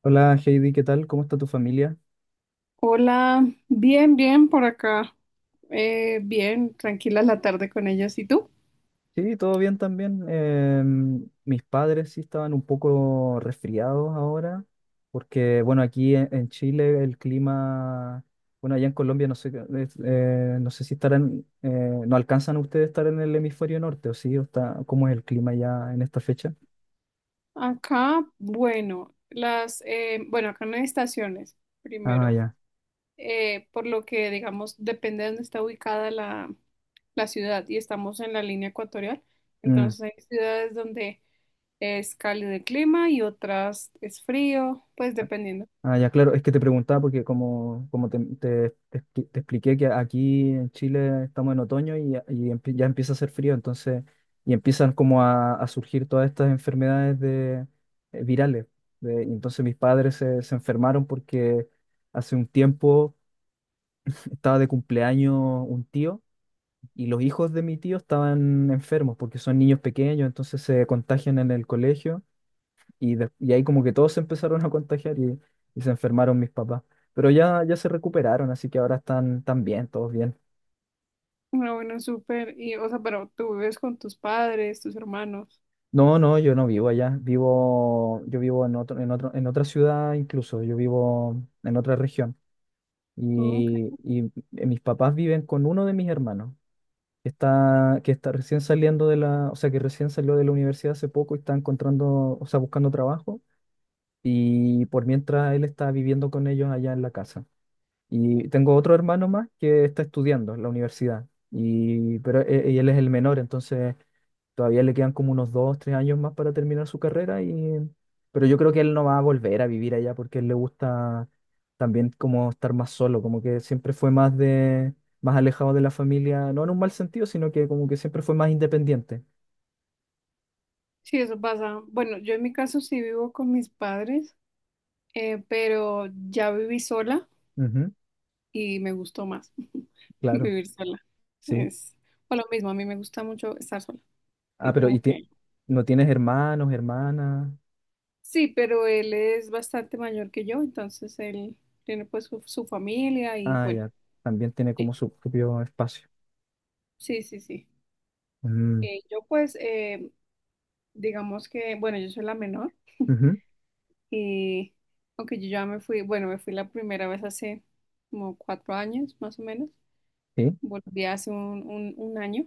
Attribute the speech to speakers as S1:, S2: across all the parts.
S1: Hola Heidi, ¿qué tal? ¿Cómo está tu familia?
S2: Hola, bien, bien por acá. Bien, tranquila la tarde con ellos. ¿Y tú?
S1: Sí, todo bien también. Mis padres sí estaban un poco resfriados ahora, porque bueno, aquí en Chile el clima, bueno, allá en Colombia no sé, es, no sé si estarán, no alcanzan ustedes a estar en el hemisferio norte, ¿o sí? ¿O está, cómo es el clima ya en esta fecha?
S2: Acá, bueno, acá no hay estaciones,
S1: Ah,
S2: primero,
S1: ya.
S2: por lo que, digamos, depende de dónde está ubicada la ciudad y estamos en la línea ecuatorial,
S1: Mm.
S2: entonces hay ciudades donde es cálido el clima y otras es frío, pues dependiendo.
S1: Ah, ya, claro, es que te preguntaba porque como te expliqué que aquí en Chile estamos en otoño y, ya ya empieza a hacer frío, entonces, y empiezan como a surgir todas estas enfermedades de, virales. Y entonces mis padres se enfermaron porque hace un tiempo estaba de cumpleaños un tío y los hijos de mi tío estaban enfermos porque son niños pequeños, entonces se contagian en el colegio y ahí como que todos se empezaron a contagiar y se enfermaron mis papás. Pero ya, ya se recuperaron, así que ahora están, están bien, todos bien.
S2: Ah, bueno, súper. Y, o sea, pero tú vives con tus padres, tus hermanos.
S1: No, no, yo no vivo allá. Vivo, yo vivo en otro, en otro, en otra ciudad incluso. Yo vivo en otra región.
S2: Ok.
S1: Y mis papás viven con uno de mis hermanos, que está recién saliendo de la, o sea, que recién salió de la universidad hace poco y está encontrando, o sea, buscando trabajo. Y por mientras él está viviendo con ellos allá en la casa. Y tengo otro hermano más que está estudiando en la universidad, y, pero y él es el menor, entonces todavía le quedan como unos dos, tres años más para terminar su carrera, y, pero yo creo que él no va a volver a vivir allá porque a él le gusta también como estar más solo, como que siempre fue más de, más alejado de la familia, no en un mal sentido, sino que como que siempre fue más independiente.
S2: Sí, eso pasa. Bueno, yo en mi caso sí vivo con mis padres, pero ya viví sola
S1: Ujú,
S2: y me gustó más
S1: claro,
S2: vivir sola.
S1: sí.
S2: Es o lo mismo, a mí me gusta mucho estar sola.
S1: Ah,
S2: Sí,
S1: pero ¿y
S2: como
S1: ti-
S2: que.
S1: no tienes hermanos, hermanas?
S2: Sí, pero él es bastante mayor que yo, entonces él tiene pues su familia y
S1: Ah,
S2: bueno,
S1: ya, también tiene como
S2: sí,
S1: su propio espacio.
S2: sí, sí, sí.
S1: Mm.
S2: Eh, yo pues, eh, digamos que, bueno, yo soy la menor.
S1: Ujú,
S2: Eh, aunque yo ya me fui, bueno, me fui la primera vez hace como 4 años, más o menos.
S1: sí,
S2: Volví hace un año.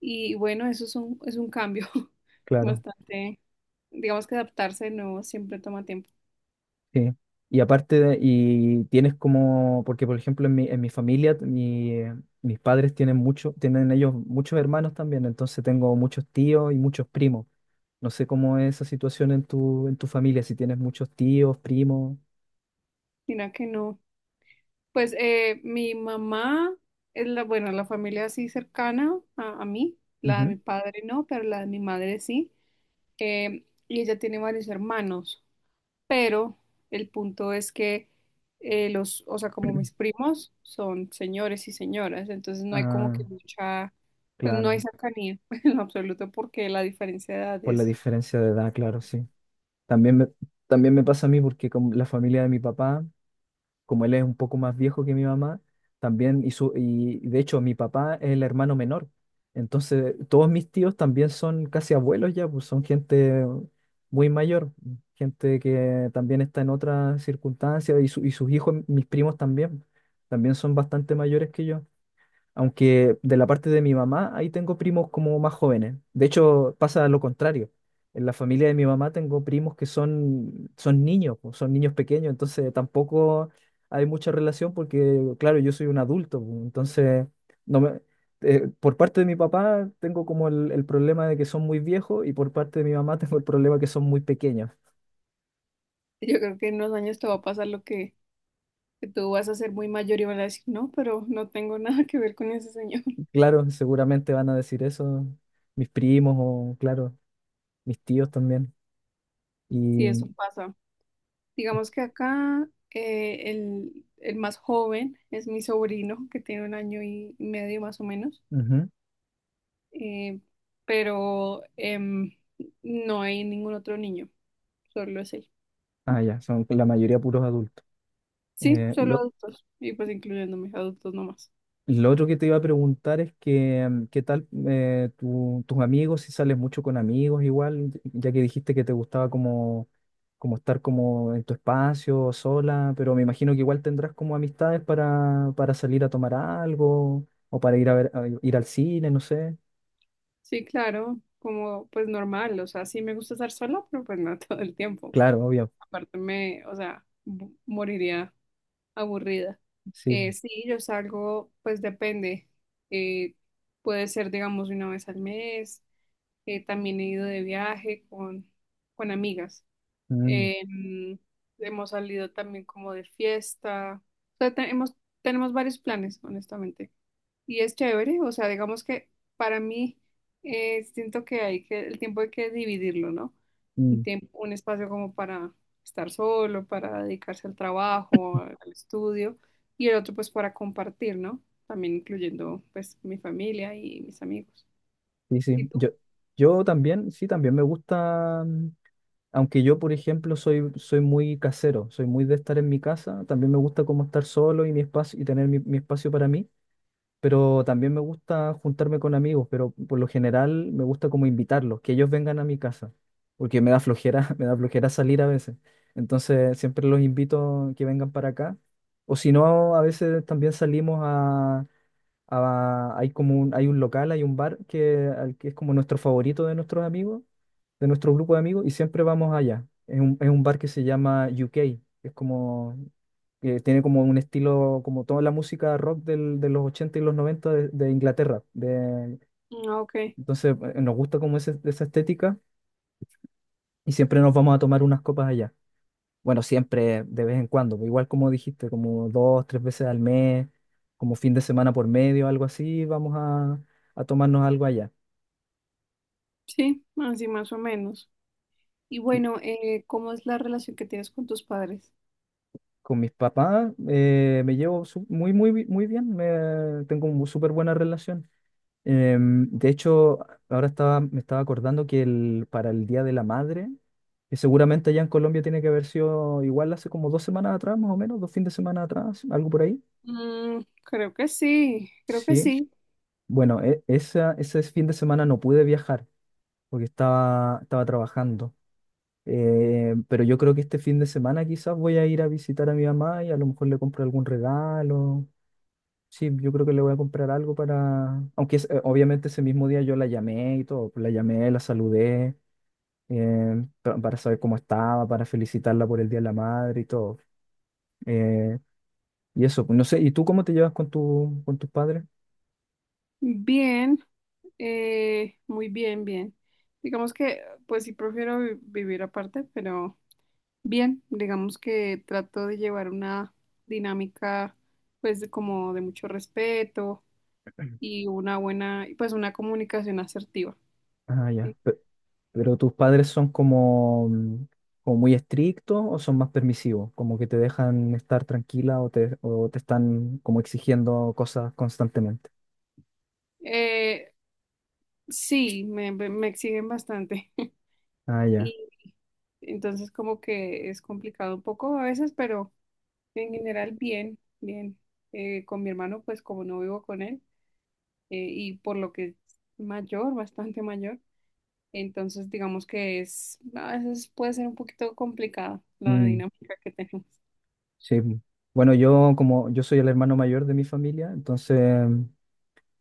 S2: Y bueno, es un cambio
S1: claro,
S2: bastante, digamos que adaptarse de nuevo siempre toma tiempo.
S1: sí. Y aparte, y tienes como, porque por ejemplo en mi familia, mi, mis padres tienen mucho, tienen ellos muchos hermanos también, entonces tengo muchos tíos y muchos primos. No sé cómo es esa situación en tu familia, si tienes muchos tíos, primos.
S2: Mira que no. Mi mamá es la, bueno, la familia así cercana a mí, la de
S1: Ujú.
S2: mi padre no, pero la de mi madre sí. Y ella tiene varios hermanos, pero el punto es que o sea, como mis primos son señores y señoras, entonces no hay como
S1: Ah,
S2: que mucha, pues no hay
S1: claro,
S2: cercanía en lo absoluto porque la diferencia de edad
S1: por la
S2: es
S1: diferencia de edad, claro,
S2: bastante.
S1: sí. También me, también me pasa a mí porque con la familia de mi papá como él es un poco más viejo que mi mamá, también hizo, y de hecho mi papá es el hermano menor. Entonces, todos mis tíos también son casi abuelos ya, pues son gente muy mayor, gente que también está en otras circunstancias y, y sus hijos, mis primos también, también son bastante mayores que yo. Aunque de la parte de mi mamá, ahí tengo primos como más jóvenes. De hecho, pasa lo contrario. En la familia de mi mamá tengo primos que son, son niños, pues, son niños pequeños, entonces tampoco hay mucha relación porque, claro, yo soy un adulto, pues, entonces no me, por parte de mi papá tengo como el problema de que son muy viejos y por parte de mi mamá tengo el problema que son muy pequeños.
S2: Yo creo que en unos años te va a pasar lo que tú vas a ser muy mayor y van a decir, no, pero no tengo nada que ver con ese señor.
S1: Claro, seguramente van a decir eso mis primos o, claro, mis tíos también.
S2: Sí, eso
S1: Y,
S2: pasa. Digamos que acá el más joven es mi sobrino, que tiene un año y medio más o menos.
S1: ujú.
S2: eh, pero em, no hay ningún otro niño, solo es él.
S1: Ah, ya, son la mayoría puros adultos.
S2: Sí,
S1: Eh,
S2: solo
S1: lo,
S2: adultos, y pues incluyéndome, adultos nomás.
S1: lo otro que te iba a preguntar es que, mm, ¿qué tal tus amigos? Si sales mucho con amigos igual, ya que dijiste que te gustaba como, como estar como en tu espacio, sola, pero me imagino que igual tendrás como amistades para salir a tomar algo o para ir a ver, a ir al cine, no sé.
S2: Sí, claro, como pues normal, o sea, sí me gusta estar sola, pero pues no todo el tiempo.
S1: Claro, obvio,
S2: Aparte o sea, moriría aburrida.
S1: sí.
S2: Sí, yo salgo, pues depende. eh, Puede ser, digamos, una vez al mes. También he ido de viaje con amigas.
S1: Mm,
S2: Em, hemos salido también como de fiesta. O sea, tenemos varios planes, honestamente. Y es chévere, o sea, digamos que para mí siento que hay que, el tiempo hay que dividirlo, ¿no? Un
S1: mm,
S2: tiempo, un espacio como para estar solo, para dedicarse al trabajo, al estudio, y el otro pues para compartir, ¿no? También incluyendo pues mi familia y mis amigos.
S1: sí, sí.
S2: ¿Y tú?
S1: Yo también, sí, también me gusta. Aunque yo, por ejemplo, soy, soy muy casero, soy muy de estar en mi casa, también me gusta como estar solo y mi espacio y tener mi, mi espacio para mí, pero también me gusta juntarme con amigos, pero por lo general me gusta como invitarlos, que ellos vengan a mi casa, porque me da flojera, me da flojera salir a veces. Entonces, siempre los invito que vengan para acá, o si no, a veces también salimos hay como un, hay un local, hay un bar que, al que es como nuestro favorito de nuestros amigos, de nuestro grupo de amigos, y siempre vamos allá. Es un bar que se llama UK, que es como, que tiene como un estilo, como toda la música rock de los 80 y los 90 de Inglaterra. De,
S2: Ah, Ok,
S1: entonces, nos gusta como esa estética y siempre nos vamos a tomar unas copas allá. Bueno, siempre, de vez en cuando, pues, igual como dijiste, como dos, tres veces al mes, como fin de semana por medio, algo así, vamos a tomarnos algo allá.
S2: sí, así más o menos. Y
S1: Y
S2: bueno, ¿cómo es la relación que tienes con tus padres?
S1: con mis papás me llevo muy, muy, muy bien, me, tengo una súper buena relación. De hecho, ahora estaba, me estaba acordando que el, para el Día de la Madre, que seguramente allá en Colombia tiene que haber sido igual hace como dos semanas atrás, más o menos, dos fines de semana atrás, algo por ahí.
S2: Mm, creo que sí, creo que
S1: Sí.
S2: sí.
S1: Bueno, esa, ese fin de semana no pude viajar porque estaba, estaba trabajando. Pero yo creo que este fin de semana quizás voy a ir a visitar a mi mamá y a lo mejor le compro algún regalo. Sí, yo creo que le voy a comprar algo para... Aunque obviamente ese mismo día yo la llamé y todo, pues la llamé, la saludé, para saber cómo estaba, para felicitarla por el Día de la Madre y todo. Eh, y eso, pues, no sé, ¿y tú cómo te llevas con tu, con tus padres?
S2: Bien, muy bien, bien. Digamos que, pues sí, prefiero vivir aparte, pero bien, digamos que trato de llevar una dinámica, pues, de como de mucho respeto y una buena, y, pues, una comunicación asertiva.
S1: Ah, ya.
S2: ¿Sí?
S1: Pero tus padres son como, mm, como muy estrictos o son más permisivos, como que te dejan estar tranquila o te están como exigiendo cosas constantemente.
S2: Eh, sí, me exigen bastante.
S1: Ah, ya.
S2: Y Entonces como que es complicado un poco a veces, pero en general bien, bien. Con mi hermano, pues como no vivo con él y por lo que es mayor, bastante mayor, entonces digamos que es, a veces puede ser un poquito complicada la
S1: Mm,
S2: dinámica que tenemos.
S1: sí. Mm. Bueno, yo como yo soy el hermano mayor de mi familia, entonces mm,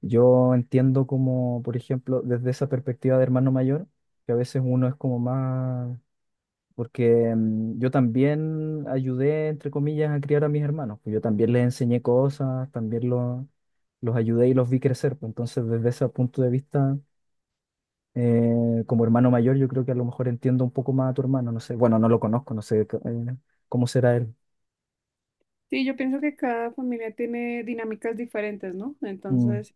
S1: yo entiendo como, por ejemplo, desde esa perspectiva de hermano mayor, que a veces uno es como más porque mm, yo también ayudé, entre comillas, a criar a mis hermanos. Pues yo también les enseñé cosas, también los ayudé y los vi crecer. Pues entonces, desde ese punto de vista, como hermano mayor, yo creo que a lo mejor entiendo un poco más a tu hermano. No sé, bueno, no lo conozco, no sé cómo será él.
S2: Sí, yo pienso que cada familia tiene dinámicas diferentes, ¿no?
S1: Mm,
S2: Entonces,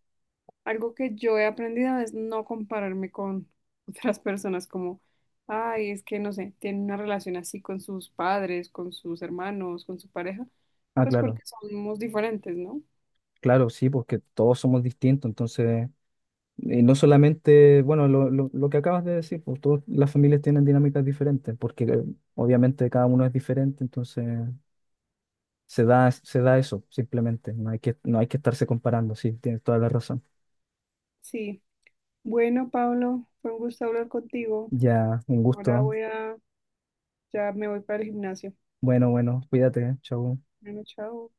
S2: algo que yo he aprendido es no compararme con otras personas como, ay, es que no sé, tienen una relación así con sus padres, con sus hermanos, con su pareja,
S1: ah,
S2: pues
S1: claro,
S2: porque somos diferentes, ¿no?
S1: claro, sí, porque todos somos distintos. Entonces, y no solamente, bueno, lo, lo que acabas de decir, pues todas las familias tienen dinámicas diferentes, porque obviamente cada uno es diferente, entonces. Se da eso, simplemente. No hay que, no hay que estarse comparando, sí, tienes toda la razón.
S2: Sí. Bueno, Pablo, fue un gusto hablar contigo.
S1: Ya, un
S2: Ahora
S1: gusto.
S2: voy a, ya me voy para el gimnasio.
S1: Bueno, bueno, cuídate, ¿eh? Chau.
S2: Bueno, chao.